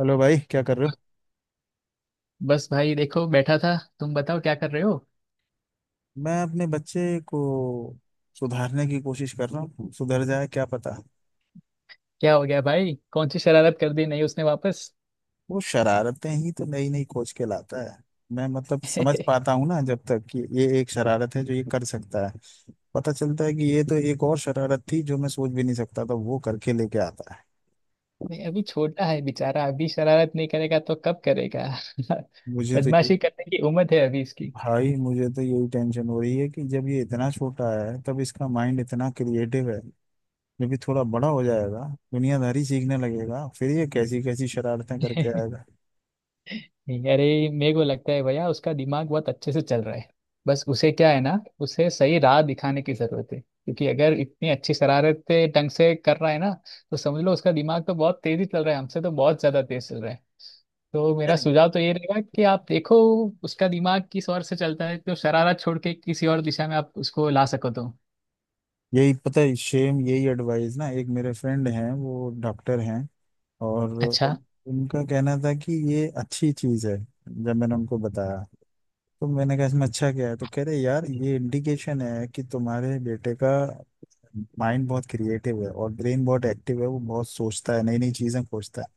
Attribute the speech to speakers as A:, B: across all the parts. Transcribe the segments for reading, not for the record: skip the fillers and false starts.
A: Hello भाई, क्या कर रहे हो।
B: बस भाई देखो बैठा था। तुम बताओ क्या कर रहे हो?
A: मैं अपने बच्चे को सुधारने की कोशिश कर रहा हूँ, सुधर जाए क्या पता।
B: क्या हो गया भाई? कौन सी शरारत कर दी नहीं उसने वापस?
A: वो शरारतें ही तो नई नई खोज के लाता है। मैं मतलब समझ पाता हूँ ना जब तक कि ये एक शरारत है जो ये कर सकता है, पता चलता है कि ये तो एक और शरारत थी जो मैं सोच भी नहीं सकता था वो करके लेके आता है।
B: नहीं, अभी छोटा है बेचारा। अभी शरारत नहीं करेगा तो कब करेगा?
A: मुझे तो ये
B: बदमाशी करने की उम्र है अभी इसकी।
A: भाई, मुझे तो यही टेंशन हो रही है कि जब ये इतना छोटा है तब इसका माइंड इतना क्रिएटिव है, जब ये थोड़ा बड़ा हो जाएगा, दुनियादारी सीखने लगेगा, फिर ये कैसी कैसी शरारतें करके आएगा।
B: नहीं, अरे मेरे को लगता है भैया उसका दिमाग बहुत अच्छे से चल रहा है। बस उसे क्या है ना, उसे सही राह दिखाने की जरूरत है, क्योंकि अगर इतनी अच्छी शरारतें ढंग से कर रहा है ना, तो समझ लो उसका दिमाग तो बहुत तेजी चल रहा है, हमसे तो बहुत ज्यादा तेज चल रहा है। तो मेरा
A: यार,
B: सुझाव तो ये रहेगा कि आप देखो उसका दिमाग किस ओर से चलता है, तो शरारत छोड़ के किसी और दिशा में आप उसको ला सको तो
A: यही पता है, सेम यही एडवाइस ना। एक मेरे फ्रेंड हैं, वो डॉक्टर हैं, और
B: अच्छा।
A: उन, उनका कहना था कि ये अच्छी चीज़ है। जब मैंने उनको बताया तो मैंने कहा इसमें अच्छा क्या है, तो कह रहे यार ये इंडिकेशन है कि तुम्हारे बेटे का माइंड बहुत क्रिएटिव है और ब्रेन बहुत एक्टिव है, वो बहुत सोचता है, नई नई चीज़ें खोजता है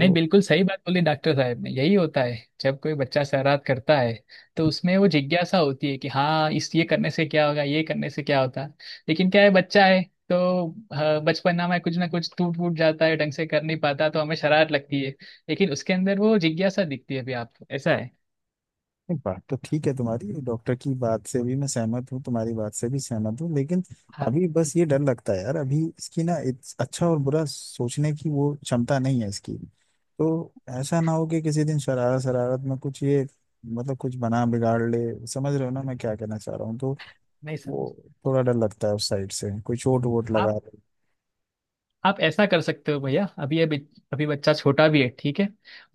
B: नहीं, बिल्कुल सही बात बोली डॉक्टर साहब ने, यही होता है जब कोई बच्चा शरारत करता है तो उसमें वो जिज्ञासा होती है कि हाँ, इस ये करने से क्या होगा, ये करने से क्या होता है। लेकिन क्या है, बच्चा है तो हाँ, बचपना में कुछ ना कुछ टूट फूट जाता है, ढंग से कर नहीं पाता तो हमें शरारत लगती है। लेकिन उसके अंदर वो जिज्ञासा दिखती है अभी आपको ऐसा है।
A: नहीं, बात तो ठीक है तुम्हारी, डॉक्टर की बात से भी मैं सहमत हूँ, तुम्हारी बात से भी सहमत हूँ, लेकिन
B: हाँ।
A: अभी बस ये डर लगता है यार, अभी इसकी ना अच्छा और बुरा सोचने की वो क्षमता नहीं है इसकी। तो ऐसा ना हो कि किसी दिन शरारत शरारत में कुछ ये, मतलब कुछ बना बिगाड़ ले, समझ रहे हो ना मैं क्या कहना चाह रहा हूँ। तो
B: नहीं सर,
A: वो थोड़ा डर लगता है उस साइड से, कोई चोट वोट लगा
B: आप
A: ले।
B: आप ऐसा कर सकते हो भैया। अभी अभी अभी बच्चा छोटा भी है, ठीक है,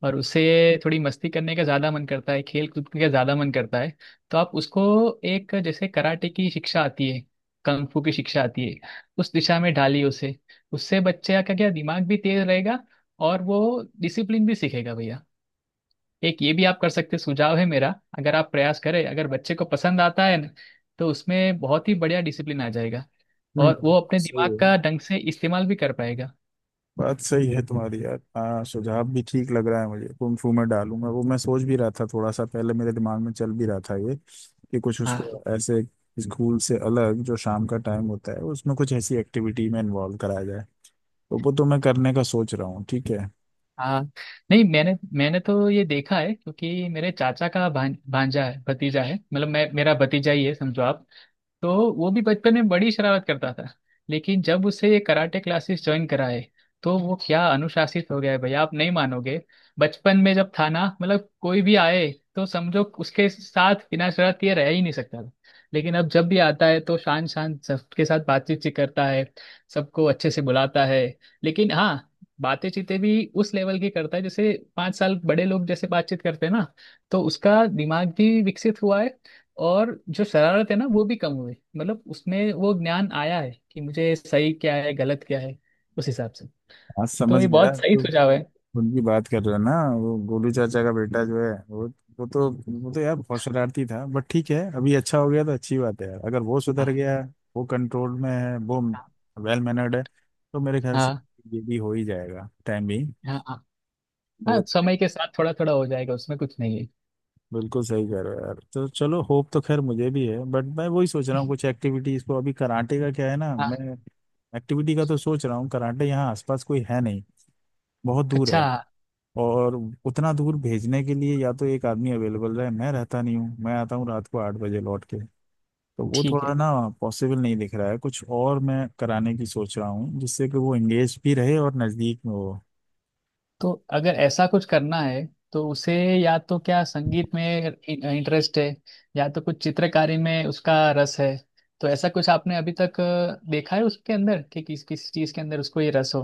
B: और उसे थोड़ी मस्ती करने का ज़्यादा मन करता है, खेल कूद का ज़्यादा मन करता है। तो आप उसको, एक जैसे कराटे की शिक्षा आती है, कंग फू की शिक्षा आती है, उस दिशा में डालिए उसे। उससे बच्चे का क्या क्या, दिमाग भी तेज रहेगा और वो डिसिप्लिन भी सीखेगा भैया। एक ये भी आप कर सकते हैं, सुझाव है मेरा। अगर आप प्रयास करें, अगर बच्चे को पसंद आता है न, तो उसमें बहुत ही बढ़िया डिसिप्लिन आ जाएगा
A: नहीं,
B: और वो अपने
A: सही
B: दिमाग
A: है,
B: का ढंग से इस्तेमाल भी कर पाएगा।
A: बात सही है तुम्हारी यार, हाँ सुझाव भी ठीक लग रहा है मुझे। कुंफू में डालूंगा वो, मैं सोच भी रहा था, थोड़ा सा पहले मेरे दिमाग में चल भी रहा था ये, कि कुछ
B: हाँ
A: उसको ऐसे स्कूल से अलग जो शाम का टाइम होता है उसमें कुछ ऐसी एक्टिविटी में इन्वॉल्व कराया जाए, तो वो तो मैं करने का सोच रहा हूँ, ठीक है।
B: हाँ। नहीं, मैंने मैंने तो ये देखा है, क्योंकि मेरे चाचा का भांजा है, भतीजा है, मतलब मैं मेरा भतीजा ही है समझो आप। तो वो भी बचपन में बड़ी शरारत करता था। लेकिन जब उसे ये कराटे क्लासेस ज्वाइन कराए, तो वो क्या अनुशासित हो गया है भैया, आप नहीं मानोगे। बचपन में जब था ना, मतलब कोई भी आए तो समझो उसके साथ बिना शरारत ये रह ही नहीं सकता था। लेकिन अब जब भी आता है तो शान शान सबके साथ बातचीत सी करता है, सबको अच्छे से बुलाता है। लेकिन हाँ, बातें चीतें भी उस लेवल की करता है, जैसे 5 साल बड़े लोग जैसे बातचीत करते हैं ना। तो उसका दिमाग भी विकसित हुआ है, और जो शरारत है ना वो भी कम हुई, मतलब उसमें वो ज्ञान आया है कि मुझे सही क्या है गलत क्या है, उस हिसाब से।
A: आज
B: तो
A: समझ
B: ये
A: गया
B: बहुत सही
A: तो,
B: सुझाव है।
A: उनकी बात कर रहे हो ना, वो गोलू चाचा का बेटा जो है वो, वो तो वो तो यार बहुत शरारती था, बट ठीक है अभी अच्छा हो गया तो अच्छी बात है यार, अगर वो सुधर
B: हाँ
A: गया, वो कंट्रोल में है, वो वेल मैनर्ड है, तो मेरे ख्याल से
B: हाँ।
A: ये भी हो ही जाएगा, टाइम भी
B: हाँ हाँ। हाँ,
A: हो
B: समय
A: जाएगा।
B: के साथ थोड़ा थोड़ा हो जाएगा, उसमें कुछ नहीं है।
A: बिल्कुल सही कह रहे हो यार, तो चलो होप तो खैर मुझे भी है, बट मैं वही सोच रहा हूँ कुछ एक्टिविटीज को। अभी कराटे का क्या है ना,
B: हाँ।
A: मैं एक्टिविटी का तो सोच रहा हूँ, कराटे यहाँ आसपास कोई है नहीं, बहुत दूर
B: अच्छा।
A: है। और उतना दूर भेजने के लिए या तो एक आदमी अवेलेबल रहे, मैं रहता नहीं हूँ, मैं आता हूँ रात को 8 बजे लौट के, तो वो
B: ठीक
A: थोड़ा
B: है।
A: ना पॉसिबल नहीं दिख रहा है। कुछ और मैं कराने की सोच रहा हूँ जिससे कि वो एंगेज भी रहे और नज़दीक में हो।
B: तो अगर ऐसा कुछ करना है तो उसे, या तो क्या संगीत में इंटरेस्ट है, या तो कुछ चित्रकारी में उसका रस है? तो ऐसा कुछ आपने अभी तक देखा है उसके अंदर कि किस किस चीज के अंदर उसको ये रस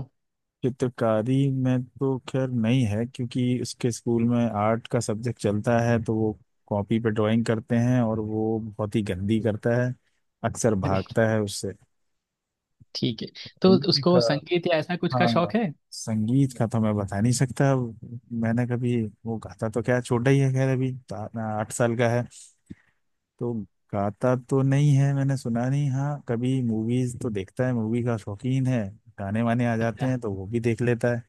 A: चित्रकारी में तो खैर नहीं है क्योंकि उसके स्कूल में आर्ट का सब्जेक्ट चलता है तो वो कॉपी पे ड्राइंग करते हैं और वो बहुत ही गंदी करता है, अक्सर
B: हो?
A: भागता है उससे।
B: ठीक है। तो
A: उनका,
B: उसको संगीत या ऐसा कुछ का
A: हाँ,
B: शौक है?
A: संगीत का तो मैं बता नहीं सकता, मैंने कभी, वो गाता तो क्या छोटा ही है खैर, अभी तो 8 साल का है तो। गाता तो नहीं है, मैंने सुना नहीं, हाँ कभी मूवीज तो देखता है, मूवी का शौकीन है, गाने वाने आ जाते
B: अच्छा।
A: हैं तो वो भी देख लेता है।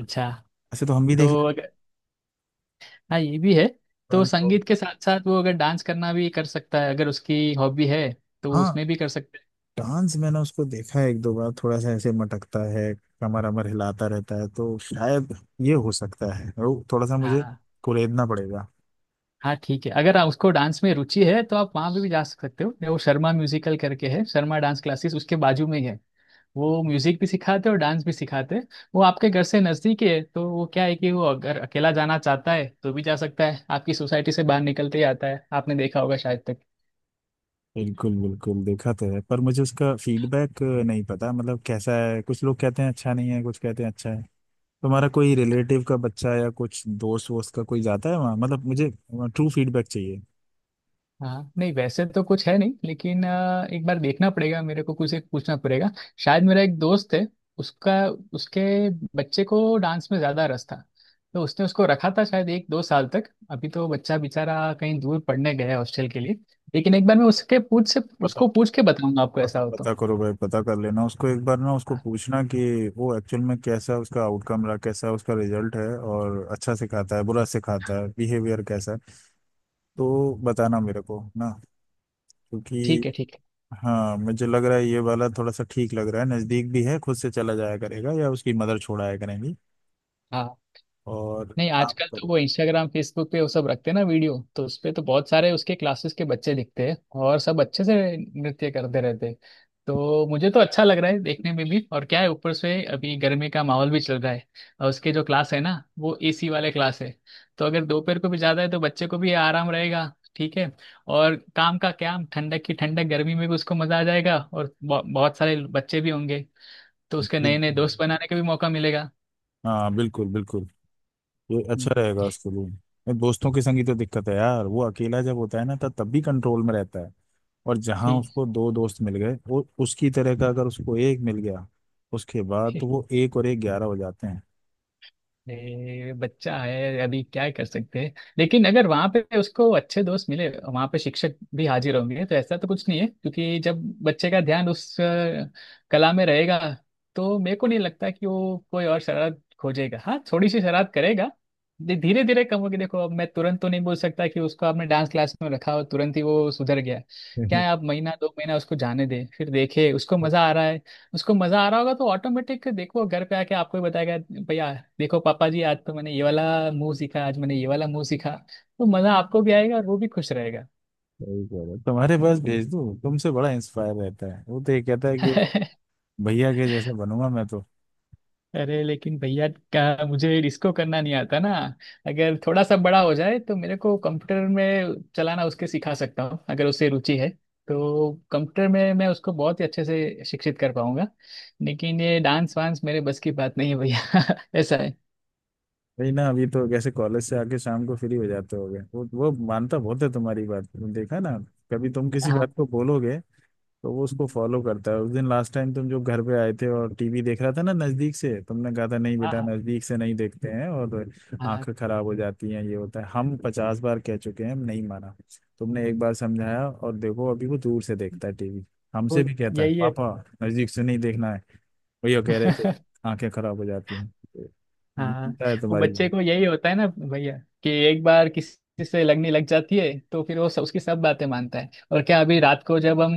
B: अच्छा।
A: ऐसे तो हम भी
B: तो
A: देख लेते
B: अगर, हाँ ये भी है,
A: हैं,
B: तो
A: हम तो।
B: संगीत के साथ साथ वो अगर डांस करना भी कर सकता है अगर उसकी हॉबी है, तो वो
A: हाँ,
B: उसमें भी कर सकता है।
A: डांस मैंने उसको देखा है एक दो बार, थोड़ा सा ऐसे मटकता है, कमर अमर हिलाता रहता है, तो शायद ये हो सकता है, वो थोड़ा सा मुझे
B: हाँ।
A: कुरेदना पड़ेगा।
B: हाँ ठीक है, अगर उसको डांस में रुचि है तो आप वहाँ पे भी जा सकते हो। वो शर्मा म्यूजिकल करके है, शर्मा डांस क्लासेस, उसके बाजू में ही है। वो म्यूजिक भी सिखाते और डांस भी सिखाते हैं। वो आपके घर से नज़दीक ही है, तो वो क्या है कि वो अगर अकेला जाना चाहता है तो भी जा सकता है। आपकी सोसाइटी से बाहर निकलते ही आता है, आपने देखा होगा शायद तक।
A: बिल्कुल बिल्कुल, देखा तो है पर मुझे उसका फीडबैक नहीं पता, मतलब कैसा है, कुछ लोग कहते हैं अच्छा नहीं है, कुछ कहते हैं अच्छा है। तुम्हारा कोई रिलेटिव का बच्चा या कुछ दोस्त वोस्त का कोई जाता है वहाँ, मतलब मुझे ट्रू फीडबैक चाहिए।
B: हाँ। नहीं, वैसे तो कुछ है नहीं, लेकिन एक बार देखना पड़ेगा मेरे को, कुछ एक पूछना पड़ेगा। शायद मेरा एक दोस्त है, उसका, उसके बच्चे को डांस में ज़्यादा रस था, तो उसने उसको रखा था शायद 1-2 साल तक। अभी तो बच्चा बेचारा कहीं दूर पढ़ने गया है हॉस्टल के लिए। लेकिन एक बार मैं उसके पूछ से
A: पता,
B: उसको पूछ के बताऊंगा आपको,
A: पता
B: ऐसा हो तो।
A: पता करो भाई, पता कर लेना उसको एक बार ना, उसको
B: हाँ।
A: पूछना कि वो एक्चुअल में कैसा उसका आउटकम रहा, कैसा उसका रिजल्ट है, और अच्छा सिखाता है बुरा सिखाता है, बिहेवियर कैसा है, तो बताना मेरे को ना, क्योंकि।
B: ठीक है, ठीक है।
A: हाँ, मुझे लग रहा है ये वाला थोड़ा सा ठीक लग रहा है, नज़दीक भी है, खुद से चला जाया करेगा या उसकी मदर छोड़ाया करेंगी,
B: हाँ।
A: और
B: नहीं,
A: काम
B: आजकल तो
A: करो।
B: वो इंस्टाग्राम फेसबुक पे वो सब रखते हैं ना वीडियो, तो उस पे तो बहुत सारे उसके क्लासेस के बच्चे दिखते हैं और सब अच्छे से नृत्य करते रहते हैं। तो मुझे तो अच्छा लग रहा है देखने में भी। और क्या है, ऊपर से अभी गर्मी का माहौल भी चल रहा है, और उसके जो क्लास है ना वो एसी वाले क्लास है। तो अगर दोपहर को भी ज़्यादा है तो बच्चे को भी आराम रहेगा, ठीक है, और काम का क्या ठंडक की ठंडक, गर्मी में भी उसको मज़ा आ जाएगा। और बहुत सारे बच्चे भी होंगे, तो उसके
A: बिल्कुल,
B: नए नए दोस्त बनाने का भी मौका मिलेगा।
A: हाँ बिल्कुल बिल्कुल, ये अच्छा
B: हम्म।
A: रहेगा उसके लिए। ये दोस्तों के संग ही तो दिक्कत है यार, वो अकेला जब होता है ना तब तब भी कंट्रोल में रहता है, और जहाँ
B: ठीक।
A: उसको दो दोस्त मिल गए, वो उसकी तरह का अगर उसको एक मिल गया, उसके बाद तो वो एक और एक ग्यारह हो जाते हैं।
B: ये बच्चा है, अभी क्या कर सकते हैं। लेकिन अगर वहाँ पे उसको अच्छे दोस्त मिले, वहाँ पे शिक्षक भी हाजिर होंगे तो ऐसा तो कुछ नहीं है, क्योंकि जब बच्चे का ध्यान उस कला में रहेगा, तो मेरे को नहीं लगता कि वो कोई और शरारत खोजेगा। हाँ थोड़ी सी शरारत करेगा, धीरे धीरे कम होगी। देखो अब मैं तुरंत तो नहीं बोल सकता कि उसको आपने डांस क्लास में रखा और तुरंत ही वो सुधर गया। क्या
A: सही
B: है, आप महीना दो महीना उसको जाने दें फिर देखे उसको मजा आ रहा है। उसको मजा आ रहा होगा तो ऑटोमेटिक देखो घर पे आके आपको ही बताएगा, भैया देखो पापा जी, आज तो मैंने ये वाला मुंह सीखा, आज मैंने ये वाला मुंह सीखा। तो मजा आपको भी आएगा और वो भी खुश रहेगा।
A: कह रहे हो। तुम्हारे पास भेज दूँ, तुमसे बड़ा इंस्पायर रहता है वो तो, ये कहता है कि भैया के जैसे बनूंगा मैं तो।
B: अरे लेकिन भैया क्या, मुझे इसको करना नहीं आता ना। अगर थोड़ा सा बड़ा हो जाए तो मेरे को कंप्यूटर में चलाना उसके सिखा सकता हूँ, अगर उससे रुचि है। तो कंप्यूटर में मैं उसको बहुत ही अच्छे से शिक्षित कर पाऊंगा, लेकिन ये डांस वांस मेरे बस की बात नहीं है भैया। ऐसा है।
A: वही ना, अभी तो कैसे कॉलेज से आके शाम को फ्री हो जाते होगे वो मानता बहुत है तुम्हारी बात, तुम देखा ना, कभी तुम किसी बात
B: हाँ
A: को बोलोगे तो वो उसको फॉलो करता है। उस दिन लास्ट टाइम तुम जो घर पे आए थे और टीवी देख रहा था ना नजदीक से, तुमने कहा था नहीं
B: हाँ।
A: बेटा
B: हाँ
A: नजदीक से नहीं देखते हैं और
B: हाँ।
A: आंखें खराब हो जाती हैं, ये होता है, हम 50 बार कह चुके हैं, हम नहीं माना। तुमने एक बार समझाया और देखो अभी वो दूर से देखता है टीवी,
B: वो
A: हमसे भी कहता है
B: यही है।
A: पापा नजदीक से नहीं देखना है, भैया कह रहे थे आंखें खराब हो जाती हैं, तो
B: हाँ।
A: मानता है
B: वो
A: तुम्हारी
B: बच्चे
A: बात।
B: को यही होता है ना भैया, कि एक बार किसी से लगने लग जाती है तो फिर वो सब, उसकी सब बातें मानता है। और क्या, अभी रात को जब हम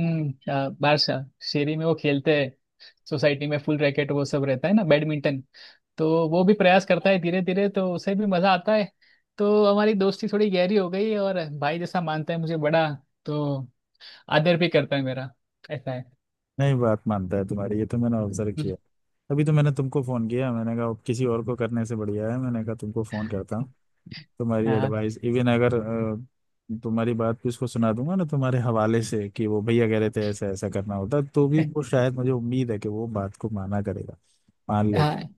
B: बाहर शेरी में वो खेलते हैं, सोसाइटी में फुल रैकेट वो सब रहता है ना बैडमिंटन, तो वो भी प्रयास करता है धीरे धीरे, तो उसे भी मजा आता है। तो हमारी दोस्ती थोड़ी गहरी हो गई है और भाई जैसा मानता है मुझे, बड़ा तो आदर भी करता है मेरा। ऐसा है।
A: नहीं, बात मानता है तुम्हारी, ये तो मैंने ऑब्जर्व
B: हम्म।
A: किया। अभी तो मैंने तुमको फोन किया, मैंने कहा अब किसी और को करने से बढ़िया है, मैंने कहा तुमको फोन करता हूँ, तुम्हारी
B: हाँ
A: एडवाइस, इवन अगर तुम्हारी बात भी उसको सुना दूंगा ना तुम्हारे हवाले से कि वो भैया कह रहे थे ऐसा ऐसा करना, होता तो भी वो शायद मुझे उम्मीद है कि वो बात को माना करेगा, मान लेता
B: हाँ।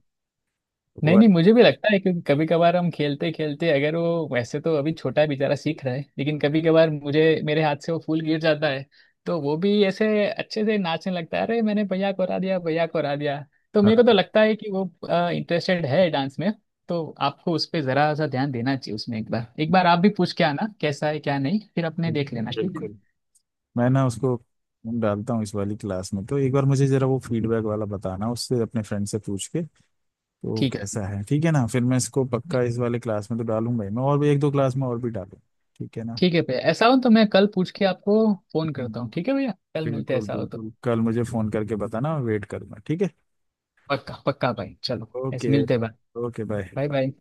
B: नहीं
A: वो।
B: नहीं, मुझे भी लगता है, क्योंकि कभी कभार हम खेलते खेलते अगर वो, वैसे तो अभी छोटा है बेचारा सीख रहा है, लेकिन कभी कभार मुझे मेरे हाथ से वो फूल गिर जाता है, तो वो भी ऐसे अच्छे से नाचने लगता है, अरे मैंने भैया को हरा दिया, भैया को हरा दिया। तो मेरे को तो
A: हाँ
B: लगता है कि वो इंटरेस्टेड है डांस में। तो आपको उस पर जरा सा ध्यान देना चाहिए, उसमें एक बार, एक बार आप भी पूछ के आना कैसा है क्या नहीं, फिर अपने देख
A: बिल्कुल
B: लेना, ठीक है।
A: बिल्कुल। मैं ना उसको डालता हूँ इस वाली क्लास में, तो एक बार मुझे जरा वो फीडबैक वाला बताना उससे अपने फ्रेंड से पूछ के, तो
B: ठीक है,
A: कैसा है, ठीक है ना। फिर मैं इसको पक्का इस वाले क्लास में तो डालूंगा ही, मैं और भी एक दो क्लास में और भी डालूंगा, ठीक है ना।
B: ठीक है भैया, ऐसा हो तो मैं कल पूछ के आपको फोन
A: हम्म,
B: करता हूँ। ठीक है भैया, कल मिलते हैं
A: बिल्कुल
B: ऐसा हो तो।
A: बिल्कुल कल मुझे फोन करके बताना, वेट करूंगा, ठीक है।
B: पक्का पक्का भाई, चलो ऐसे
A: ओके,
B: मिलते हैं भाई।
A: Okay bye.
B: Bye bye.